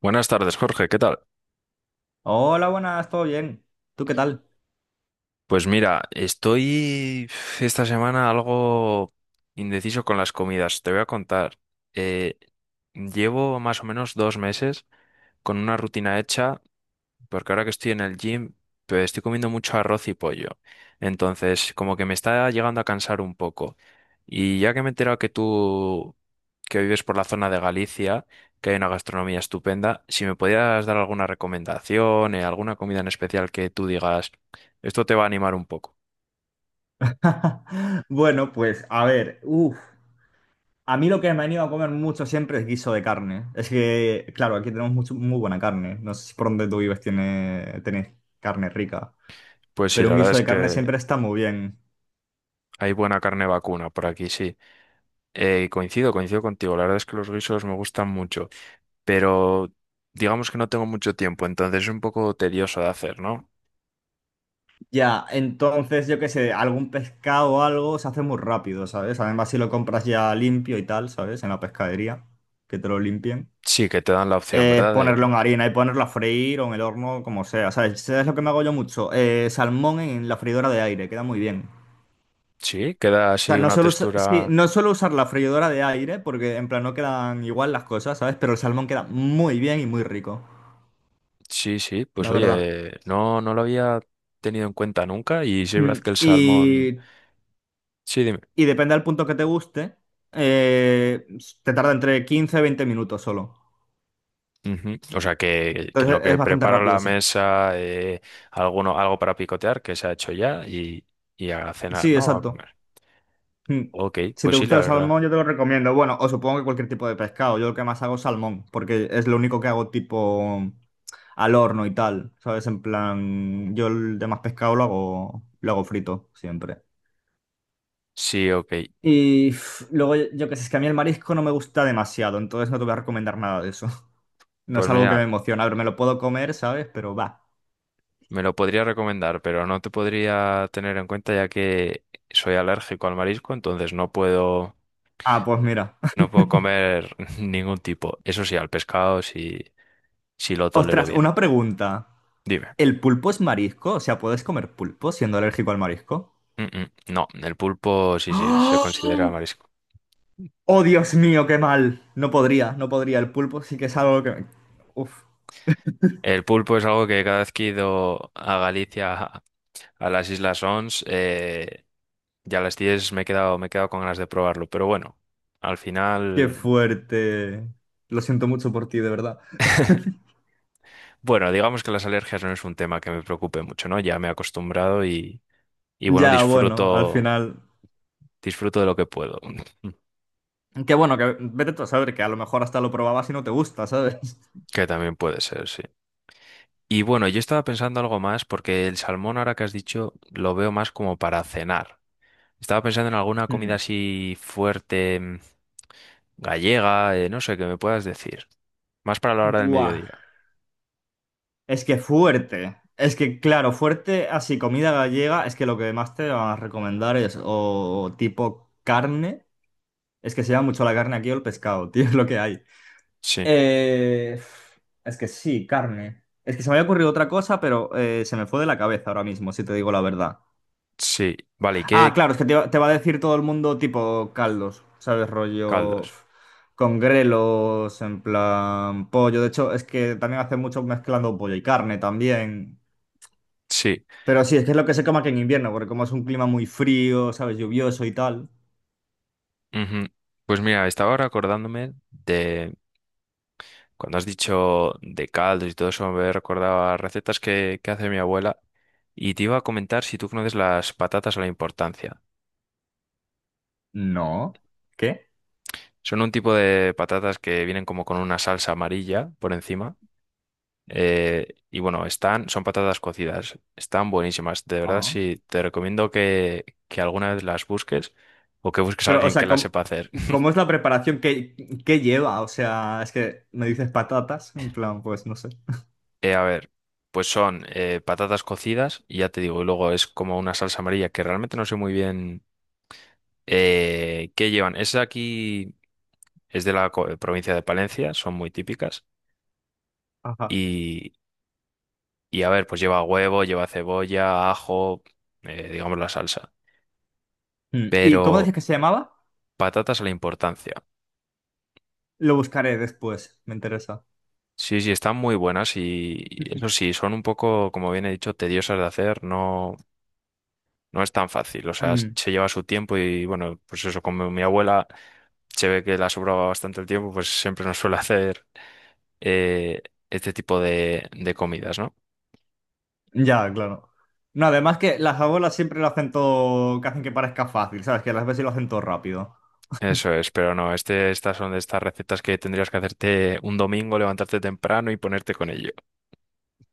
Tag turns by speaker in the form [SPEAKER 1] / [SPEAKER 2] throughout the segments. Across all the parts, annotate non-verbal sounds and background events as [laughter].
[SPEAKER 1] Buenas tardes, Jorge, ¿qué tal?
[SPEAKER 2] Hola, buenas, ¿todo bien? ¿Tú qué tal?
[SPEAKER 1] Pues mira, estoy esta semana algo indeciso con las comidas. Te voy a contar. Eh, Llevo más o menos dos meses con una rutina hecha, porque ahora que estoy en el gym, pues estoy comiendo mucho arroz y pollo. Entonces, como que me está llegando a cansar un poco. Y ya que me he enterado que tú, que vives por la zona de Galicia, que hay una gastronomía estupenda, si me podías dar alguna recomendación, alguna comida en especial que tú digas, esto te va a animar un poco.
[SPEAKER 2] [laughs] Bueno, pues a ver, a mí lo que me ha ido a comer mucho siempre es guiso de carne. Es que, claro, aquí tenemos muy buena carne. No sé si por donde tú vives tiene, tenés carne rica,
[SPEAKER 1] Pues sí,
[SPEAKER 2] pero
[SPEAKER 1] la
[SPEAKER 2] un
[SPEAKER 1] verdad
[SPEAKER 2] guiso
[SPEAKER 1] es
[SPEAKER 2] de carne
[SPEAKER 1] que
[SPEAKER 2] siempre está muy bien.
[SPEAKER 1] hay buena carne vacuna por aquí, sí. Coincido, coincido contigo. La verdad es que los guisos me gustan mucho, pero digamos que no tengo mucho tiempo, entonces es un poco tedioso de hacer, ¿no?
[SPEAKER 2] Ya, entonces yo qué sé, algún pescado o algo se hace muy rápido, ¿sabes? Además, si lo compras ya limpio y tal, ¿sabes? En la pescadería, que te lo limpien.
[SPEAKER 1] Sí, que te dan la opción,
[SPEAKER 2] Es
[SPEAKER 1] ¿verdad?
[SPEAKER 2] ponerlo en harina y ponerlo a freír o en el horno, como sea. ¿Sabes? ¿Sabes lo que me hago yo mucho? Salmón en la freidora de aire, queda muy bien.
[SPEAKER 1] Sí, queda
[SPEAKER 2] O sea,
[SPEAKER 1] así
[SPEAKER 2] no
[SPEAKER 1] una
[SPEAKER 2] suelo,
[SPEAKER 1] textura.
[SPEAKER 2] no suelo usar la freidora de aire porque en plan no quedan igual las cosas, ¿sabes? Pero el salmón queda muy bien y muy rico,
[SPEAKER 1] Sí, sí, pues
[SPEAKER 2] la verdad.
[SPEAKER 1] oye, no, no lo había tenido en cuenta nunca, y sí es verdad
[SPEAKER 2] Mm,
[SPEAKER 1] que el salmón. Sí, dime.
[SPEAKER 2] Y depende del punto que te guste, eh, te tarda entre 15 y 20 minutos solo.
[SPEAKER 1] Ujú. O sea, que en lo
[SPEAKER 2] Entonces es
[SPEAKER 1] que
[SPEAKER 2] bastante
[SPEAKER 1] preparo
[SPEAKER 2] rápido,
[SPEAKER 1] la
[SPEAKER 2] sí.
[SPEAKER 1] mesa, alguno, algo para picotear que se ha hecho ya, y a cenar,
[SPEAKER 2] Sí,
[SPEAKER 1] ¿no? A
[SPEAKER 2] exacto.
[SPEAKER 1] comer.
[SPEAKER 2] Mm.
[SPEAKER 1] Ok,
[SPEAKER 2] Si te
[SPEAKER 1] pues sí,
[SPEAKER 2] gusta
[SPEAKER 1] la
[SPEAKER 2] el
[SPEAKER 1] verdad.
[SPEAKER 2] salmón, yo te lo recomiendo. Bueno, o supongo que cualquier tipo de pescado. Yo lo que más hago es salmón, porque es lo único que hago tipo al horno y tal. ¿Sabes? En plan, yo el demás pescado lo hago frito siempre.
[SPEAKER 1] Sí, ok.
[SPEAKER 2] Y uf, luego, yo qué sé, es que a mí el marisco no me gusta demasiado, entonces no te voy a recomendar nada de eso. [laughs] No es
[SPEAKER 1] Pues
[SPEAKER 2] algo que
[SPEAKER 1] mira,
[SPEAKER 2] me emociona. A ver, me lo puedo comer, ¿sabes? Pero va.
[SPEAKER 1] me lo podría recomendar, pero no te podría tener en cuenta, ya que soy alérgico al marisco, entonces no puedo,
[SPEAKER 2] Ah, pues mira.
[SPEAKER 1] no puedo comer [laughs] ningún tipo. Eso sí, al pescado sí, sí lo
[SPEAKER 2] [laughs]
[SPEAKER 1] tolero
[SPEAKER 2] Ostras,
[SPEAKER 1] bien.
[SPEAKER 2] una pregunta.
[SPEAKER 1] Dime.
[SPEAKER 2] ¿El pulpo es marisco? O sea, ¿puedes comer pulpo siendo alérgico al marisco?
[SPEAKER 1] Mm, mm. No, el pulpo sí, sí, se
[SPEAKER 2] ¡Ah!
[SPEAKER 1] considera marisco.
[SPEAKER 2] Oh, Dios mío, qué mal. No podría, no podría. El pulpo sí que es algo que me... Uf,
[SPEAKER 1] El pulpo es algo que cada vez que he ido a Galicia, [laughs] a las Islas Ons, ya a las 10 me he quedado con ganas de probarlo. Pero bueno, al
[SPEAKER 2] qué
[SPEAKER 1] final.
[SPEAKER 2] fuerte. Lo siento mucho por ti, de verdad.
[SPEAKER 1] Bueno, digamos que las alergias no es un tema que me preocupe mucho, ¿no? Ya me he acostumbrado y bueno,
[SPEAKER 2] Ya, bueno, al
[SPEAKER 1] disfruto,
[SPEAKER 2] final...
[SPEAKER 1] disfruto de lo que puedo, [laughs]
[SPEAKER 2] Qué bueno, que vete tú a saber que a lo mejor hasta lo probabas y no te gusta, ¿sabes? [laughs]
[SPEAKER 1] que también puede ser, sí. Y bueno, yo estaba pensando algo más, porque el salmón, ahora que has dicho, lo veo más como para cenar. Estaba pensando en alguna comida
[SPEAKER 2] Hmm.
[SPEAKER 1] así fuerte, gallega, no sé, que me puedas decir. Más para la hora del
[SPEAKER 2] Buah,
[SPEAKER 1] mediodía.
[SPEAKER 2] es que fuerte. Es que, claro, fuerte así, comida gallega, es que lo que más te van a recomendar es o tipo carne. Es que se llama mucho la carne aquí o el pescado, [laughs] tío, es lo que hay.
[SPEAKER 1] Sí,
[SPEAKER 2] Eh, es que sí, carne. Es que se me había ocurrido otra cosa, pero se me fue de la cabeza ahora mismo, si te digo la verdad.
[SPEAKER 1] sí. Vale, ¿y
[SPEAKER 2] Ah,
[SPEAKER 1] qué
[SPEAKER 2] claro, es que te va a decir todo el mundo tipo caldos, ¿sabes?
[SPEAKER 1] caldos?
[SPEAKER 2] Con grelos, en plan pollo. De hecho, es que también hace mucho mezclando pollo y carne también.
[SPEAKER 1] Sí.
[SPEAKER 2] Pero sí, es que es lo que se come aquí en invierno, porque como es un clima muy frío, ¿sabes? Lluvioso y tal.
[SPEAKER 1] Ujú. Pues mira, estaba ahora acordándome. Cuando has dicho de caldos y todo eso, me recordaba recetas que hace mi abuela, y te iba a comentar si tú conoces las patatas a la importancia.
[SPEAKER 2] No. ¿Qué?
[SPEAKER 1] Son un tipo de patatas que vienen como con una salsa amarilla por encima. Y bueno, están, son patatas cocidas, están buenísimas. De verdad, sí, te recomiendo que alguna vez las busques o que busques a
[SPEAKER 2] Pero, o
[SPEAKER 1] alguien que
[SPEAKER 2] sea,
[SPEAKER 1] las sepa hacer. [laughs]
[SPEAKER 2] ¿cómo es la preparación? ¿Qué lleva? O sea, es que me dices patatas, en plan, pues no sé.
[SPEAKER 1] A ver, pues son patatas cocidas, y ya te digo, y luego es como una salsa amarilla que realmente no sé muy bien. ¿Qué llevan? Es aquí, es de la provincia de Palencia, son muy típicas.
[SPEAKER 2] Ajá.
[SPEAKER 1] Y, y a ver, pues lleva huevo, lleva cebolla, ajo, digamos la salsa.
[SPEAKER 2] Mm. ¿Y cómo
[SPEAKER 1] Pero
[SPEAKER 2] dices que se llamaba?
[SPEAKER 1] patatas a la importancia.
[SPEAKER 2] Lo buscaré después, me interesa.
[SPEAKER 1] Sí, sí, están muy buenas, y eso
[SPEAKER 2] [laughs]
[SPEAKER 1] sí, son un poco, como bien he dicho, tediosas de hacer. No, no es tan fácil. O sea,
[SPEAKER 2] Mm.
[SPEAKER 1] se lleva su tiempo, y bueno, pues eso, como mi abuela se ve que la sobraba bastante el tiempo, pues siempre nos suele hacer eh, este tipo de comidas, ¿no?
[SPEAKER 2] Ya, claro. No, además que las abuelas siempre lo hacen todo, que hacen que parezca fácil, ¿sabes? Que las veces lo hacen todo rápido.
[SPEAKER 1] Eso es, pero no, este, estas son de estas recetas que tendrías que hacerte un domingo, levantarte temprano y ponerte con ello.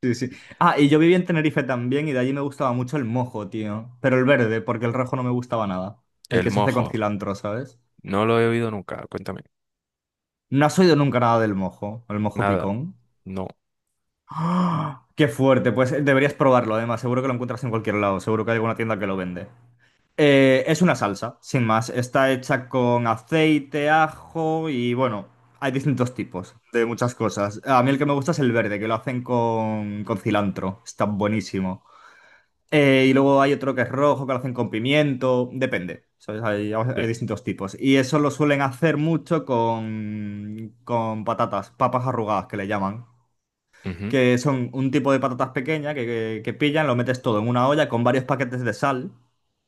[SPEAKER 2] Sí, sí. Ah, y yo viví en Tenerife también y de allí me gustaba mucho el mojo, tío. Pero el verde, porque el rojo no me gustaba nada. El
[SPEAKER 1] El
[SPEAKER 2] que se hace con
[SPEAKER 1] mojo,
[SPEAKER 2] cilantro, ¿sabes?
[SPEAKER 1] no lo he oído nunca, cuéntame.
[SPEAKER 2] No has oído nunca nada del mojo, el mojo
[SPEAKER 1] Nada,
[SPEAKER 2] picón.
[SPEAKER 1] no.
[SPEAKER 2] ¡Ah! ¡Qué fuerte! Pues deberías probarlo, además. Seguro que lo encuentras en cualquier lado. Seguro que hay alguna tienda que lo vende. Es una salsa, sin más. Está hecha con aceite, ajo y bueno, hay distintos tipos de muchas cosas. A mí el que me gusta es el verde, que lo hacen con cilantro. Está buenísimo. Y luego hay otro que es rojo, que lo hacen con pimiento. Depende. ¿Sabes?
[SPEAKER 1] Sí.
[SPEAKER 2] Hay distintos tipos. Y eso lo suelen hacer mucho con patatas, papas arrugadas, que le llaman
[SPEAKER 1] Ujú.
[SPEAKER 2] que son un tipo de patatas pequeñas que pillan, lo metes todo en una olla con varios paquetes de sal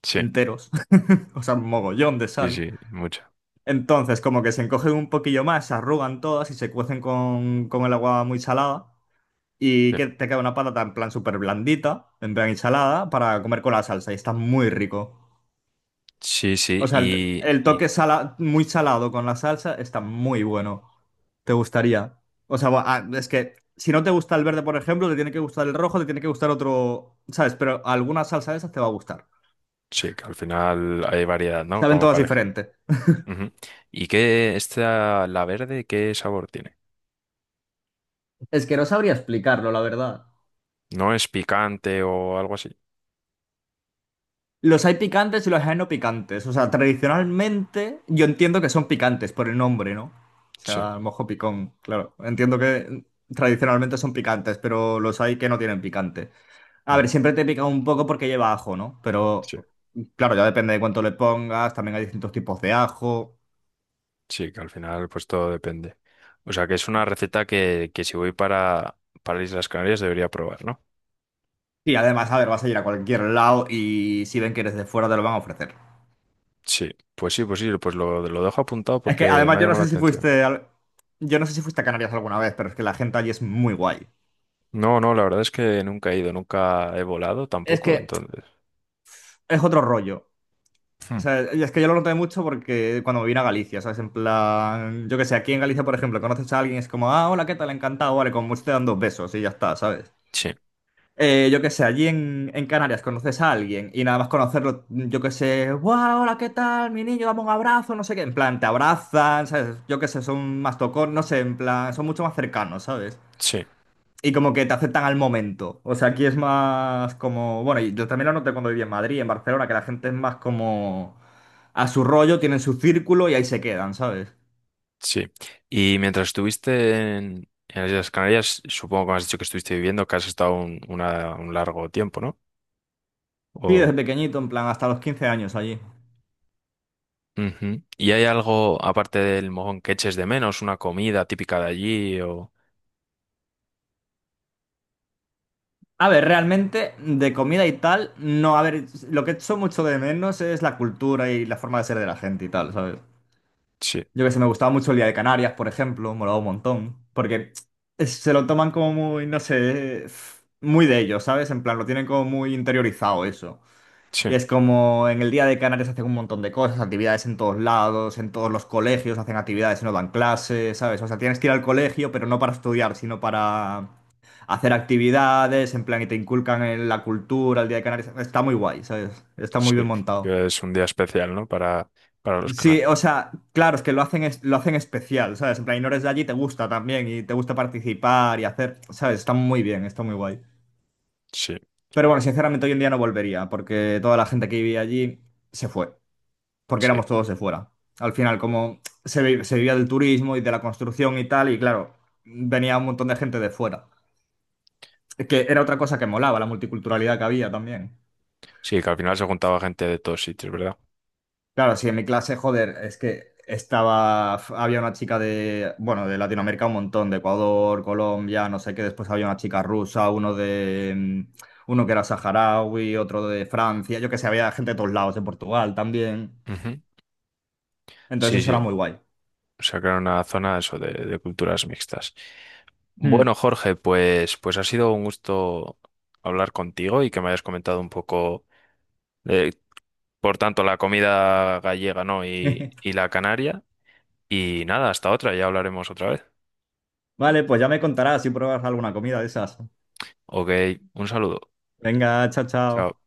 [SPEAKER 1] Sí,
[SPEAKER 2] enteros, [laughs] o sea, un mogollón de
[SPEAKER 1] sí,
[SPEAKER 2] sal.
[SPEAKER 1] sí, mucha.
[SPEAKER 2] Entonces, como que se encogen un poquillo más, se arrugan todas y se cuecen con el agua muy salada. Y que te queda una patata en plan súper blandita, en plan ensalada, para comer con la salsa. Y está muy rico.
[SPEAKER 1] Sí, sí,
[SPEAKER 2] O
[SPEAKER 1] sí,
[SPEAKER 2] sea, el
[SPEAKER 1] y
[SPEAKER 2] muy salado con la salsa está muy bueno. ¿Te gustaría? O sea, es que si no te gusta el verde, por ejemplo, te tiene que gustar el rojo, te tiene que gustar otro, ¿sabes? Pero alguna salsa de esas te va a gustar.
[SPEAKER 1] sí, que al final hay variedad, ¿no?
[SPEAKER 2] Saben
[SPEAKER 1] Como
[SPEAKER 2] todas
[SPEAKER 1] para elegir.
[SPEAKER 2] diferentes.
[SPEAKER 1] Ujú. ¿Y qué, esta, la verde, qué sabor tiene?
[SPEAKER 2] Es que no sabría explicarlo, la verdad.
[SPEAKER 1] ¿No es picante o algo así?
[SPEAKER 2] Los hay picantes y los hay no picantes. O sea, tradicionalmente yo entiendo que son picantes por el nombre, ¿no? O
[SPEAKER 1] Sí,
[SPEAKER 2] sea, mojo picón, claro. Entiendo que tradicionalmente son picantes, pero los hay que no tienen picante. A ver,
[SPEAKER 1] ujú,
[SPEAKER 2] siempre te pica un poco porque lleva ajo, ¿no? Pero
[SPEAKER 1] sí.
[SPEAKER 2] claro, ya depende de cuánto le pongas, también hay distintos tipos de ajo.
[SPEAKER 1] Sí, que al final pues todo depende. O sea que es una receta que si voy para Islas Canarias debería probar, ¿no?
[SPEAKER 2] Y además, a ver, vas a ir a cualquier lado y si ven que eres de fuera te lo van a ofrecer.
[SPEAKER 1] Sí, pues sí, pues sí, pues lo dejo apuntado
[SPEAKER 2] Es que
[SPEAKER 1] porque me
[SPEAKER 2] además
[SPEAKER 1] ha llamado la atención.
[SPEAKER 2] yo no sé si fuiste a Canarias alguna vez, pero es que la gente allí es muy guay.
[SPEAKER 1] No, no, la verdad es que nunca he ido, nunca he volado
[SPEAKER 2] Es
[SPEAKER 1] tampoco,
[SPEAKER 2] que
[SPEAKER 1] entonces.
[SPEAKER 2] es otro rollo. O
[SPEAKER 1] Hmm.
[SPEAKER 2] sea, y es que yo lo noté mucho porque cuando me vine a Galicia, ¿sabes? En plan, yo qué sé, aquí en Galicia, por ejemplo, conoces a alguien y es como, ah, hola, ¿qué tal? Encantado, vale, como mucho te dan dos besos y ya está, ¿sabes?
[SPEAKER 1] Sí,
[SPEAKER 2] Yo qué sé, en Canarias conoces a alguien y nada más conocerlo, yo qué sé, ¡guau! Hola, ¿qué tal? Mi niño, dame un abrazo, no sé qué. En plan, te abrazan, ¿sabes? Yo qué sé, son más tocón, no sé, en plan, son mucho más cercanos, ¿sabes?
[SPEAKER 1] sí,
[SPEAKER 2] Y como que te aceptan al momento. O sea, aquí es más como. Bueno, y yo también lo noté cuando viví en Madrid, en Barcelona, que la gente es más como a su rollo, tienen su círculo y ahí se quedan, ¿sabes?
[SPEAKER 1] sí. Y mientras estuviste en las Islas Canarias, supongo que me has dicho que estuviste viviendo, que has estado un, una- un largo tiempo, ¿no?
[SPEAKER 2] Sí, desde
[SPEAKER 1] O,
[SPEAKER 2] pequeñito, en plan, hasta los 15 años allí.
[SPEAKER 1] ujú. ¿Y hay algo, aparte del mojón, que eches de menos, una comida típica de allí o...?
[SPEAKER 2] A ver, realmente de comida y tal, no, a ver, lo que echo mucho de menos es la cultura y la forma de ser de la gente y tal, ¿sabes?
[SPEAKER 1] Sí,
[SPEAKER 2] Yo que sé, me gustaba mucho el Día de Canarias, por ejemplo, molaba un montón, porque se lo toman como muy, no sé, muy de ellos, ¿sabes? En plan, lo tienen como muy interiorizado eso.
[SPEAKER 1] sí,
[SPEAKER 2] Y es como en el Día de Canarias hacen un montón de cosas, actividades en todos lados, en todos los colegios hacen actividades y no dan clases, ¿sabes? O sea, tienes que ir al colegio, pero no para estudiar, sino para hacer actividades, en plan, y te inculcan en la cultura, el Día de Canarias. Está muy guay, ¿sabes? Está muy
[SPEAKER 1] sí.
[SPEAKER 2] bien montado.
[SPEAKER 1] Que es un día especial, ¿no? Para los
[SPEAKER 2] Sí,
[SPEAKER 1] canales.
[SPEAKER 2] o sea, claro, es que lo hacen, lo hacen especial, ¿sabes? En plan, y no eres de allí, te gusta también, y te gusta participar y hacer, ¿sabes? Está muy bien, está muy guay.
[SPEAKER 1] Sí,
[SPEAKER 2] Pero bueno, sinceramente hoy en día no volvería, porque toda la gente que vivía allí se fue, porque
[SPEAKER 1] sí.
[SPEAKER 2] éramos todos de fuera. Al final, como se vivía del turismo y de la construcción y tal, y claro, venía un montón de gente de fuera. Que era otra cosa que molaba, la multiculturalidad que había también.
[SPEAKER 1] Sí, que al final se juntaba gente de todos sitios, ¿verdad?
[SPEAKER 2] Claro, sí, en mi clase, joder, es que estaba, había una chica de, bueno, de Latinoamérica un montón, de Ecuador, Colombia, no sé qué, después había una chica rusa, uno de, mm, uno que era saharaui, otro de Francia, yo que sé, había gente de todos lados, de Portugal también.
[SPEAKER 1] Ujú. Sí,
[SPEAKER 2] Entonces eso era
[SPEAKER 1] sí.
[SPEAKER 2] muy guay.
[SPEAKER 1] Sacaron una zona eso de culturas mixtas.
[SPEAKER 2] Hmm.
[SPEAKER 1] Bueno, Jorge, pues, pues ha sido un gusto hablar contigo y que me hayas comentado un poco de, por tanto, la comida gallega, ¿no?
[SPEAKER 2] [laughs]
[SPEAKER 1] Y la canaria. Y nada, hasta otra, ya hablaremos otra vez.
[SPEAKER 2] Vale, pues ya me contarás si pruebas alguna comida de esas.
[SPEAKER 1] Ok, un saludo.
[SPEAKER 2] Venga, chao, chao.
[SPEAKER 1] Chao.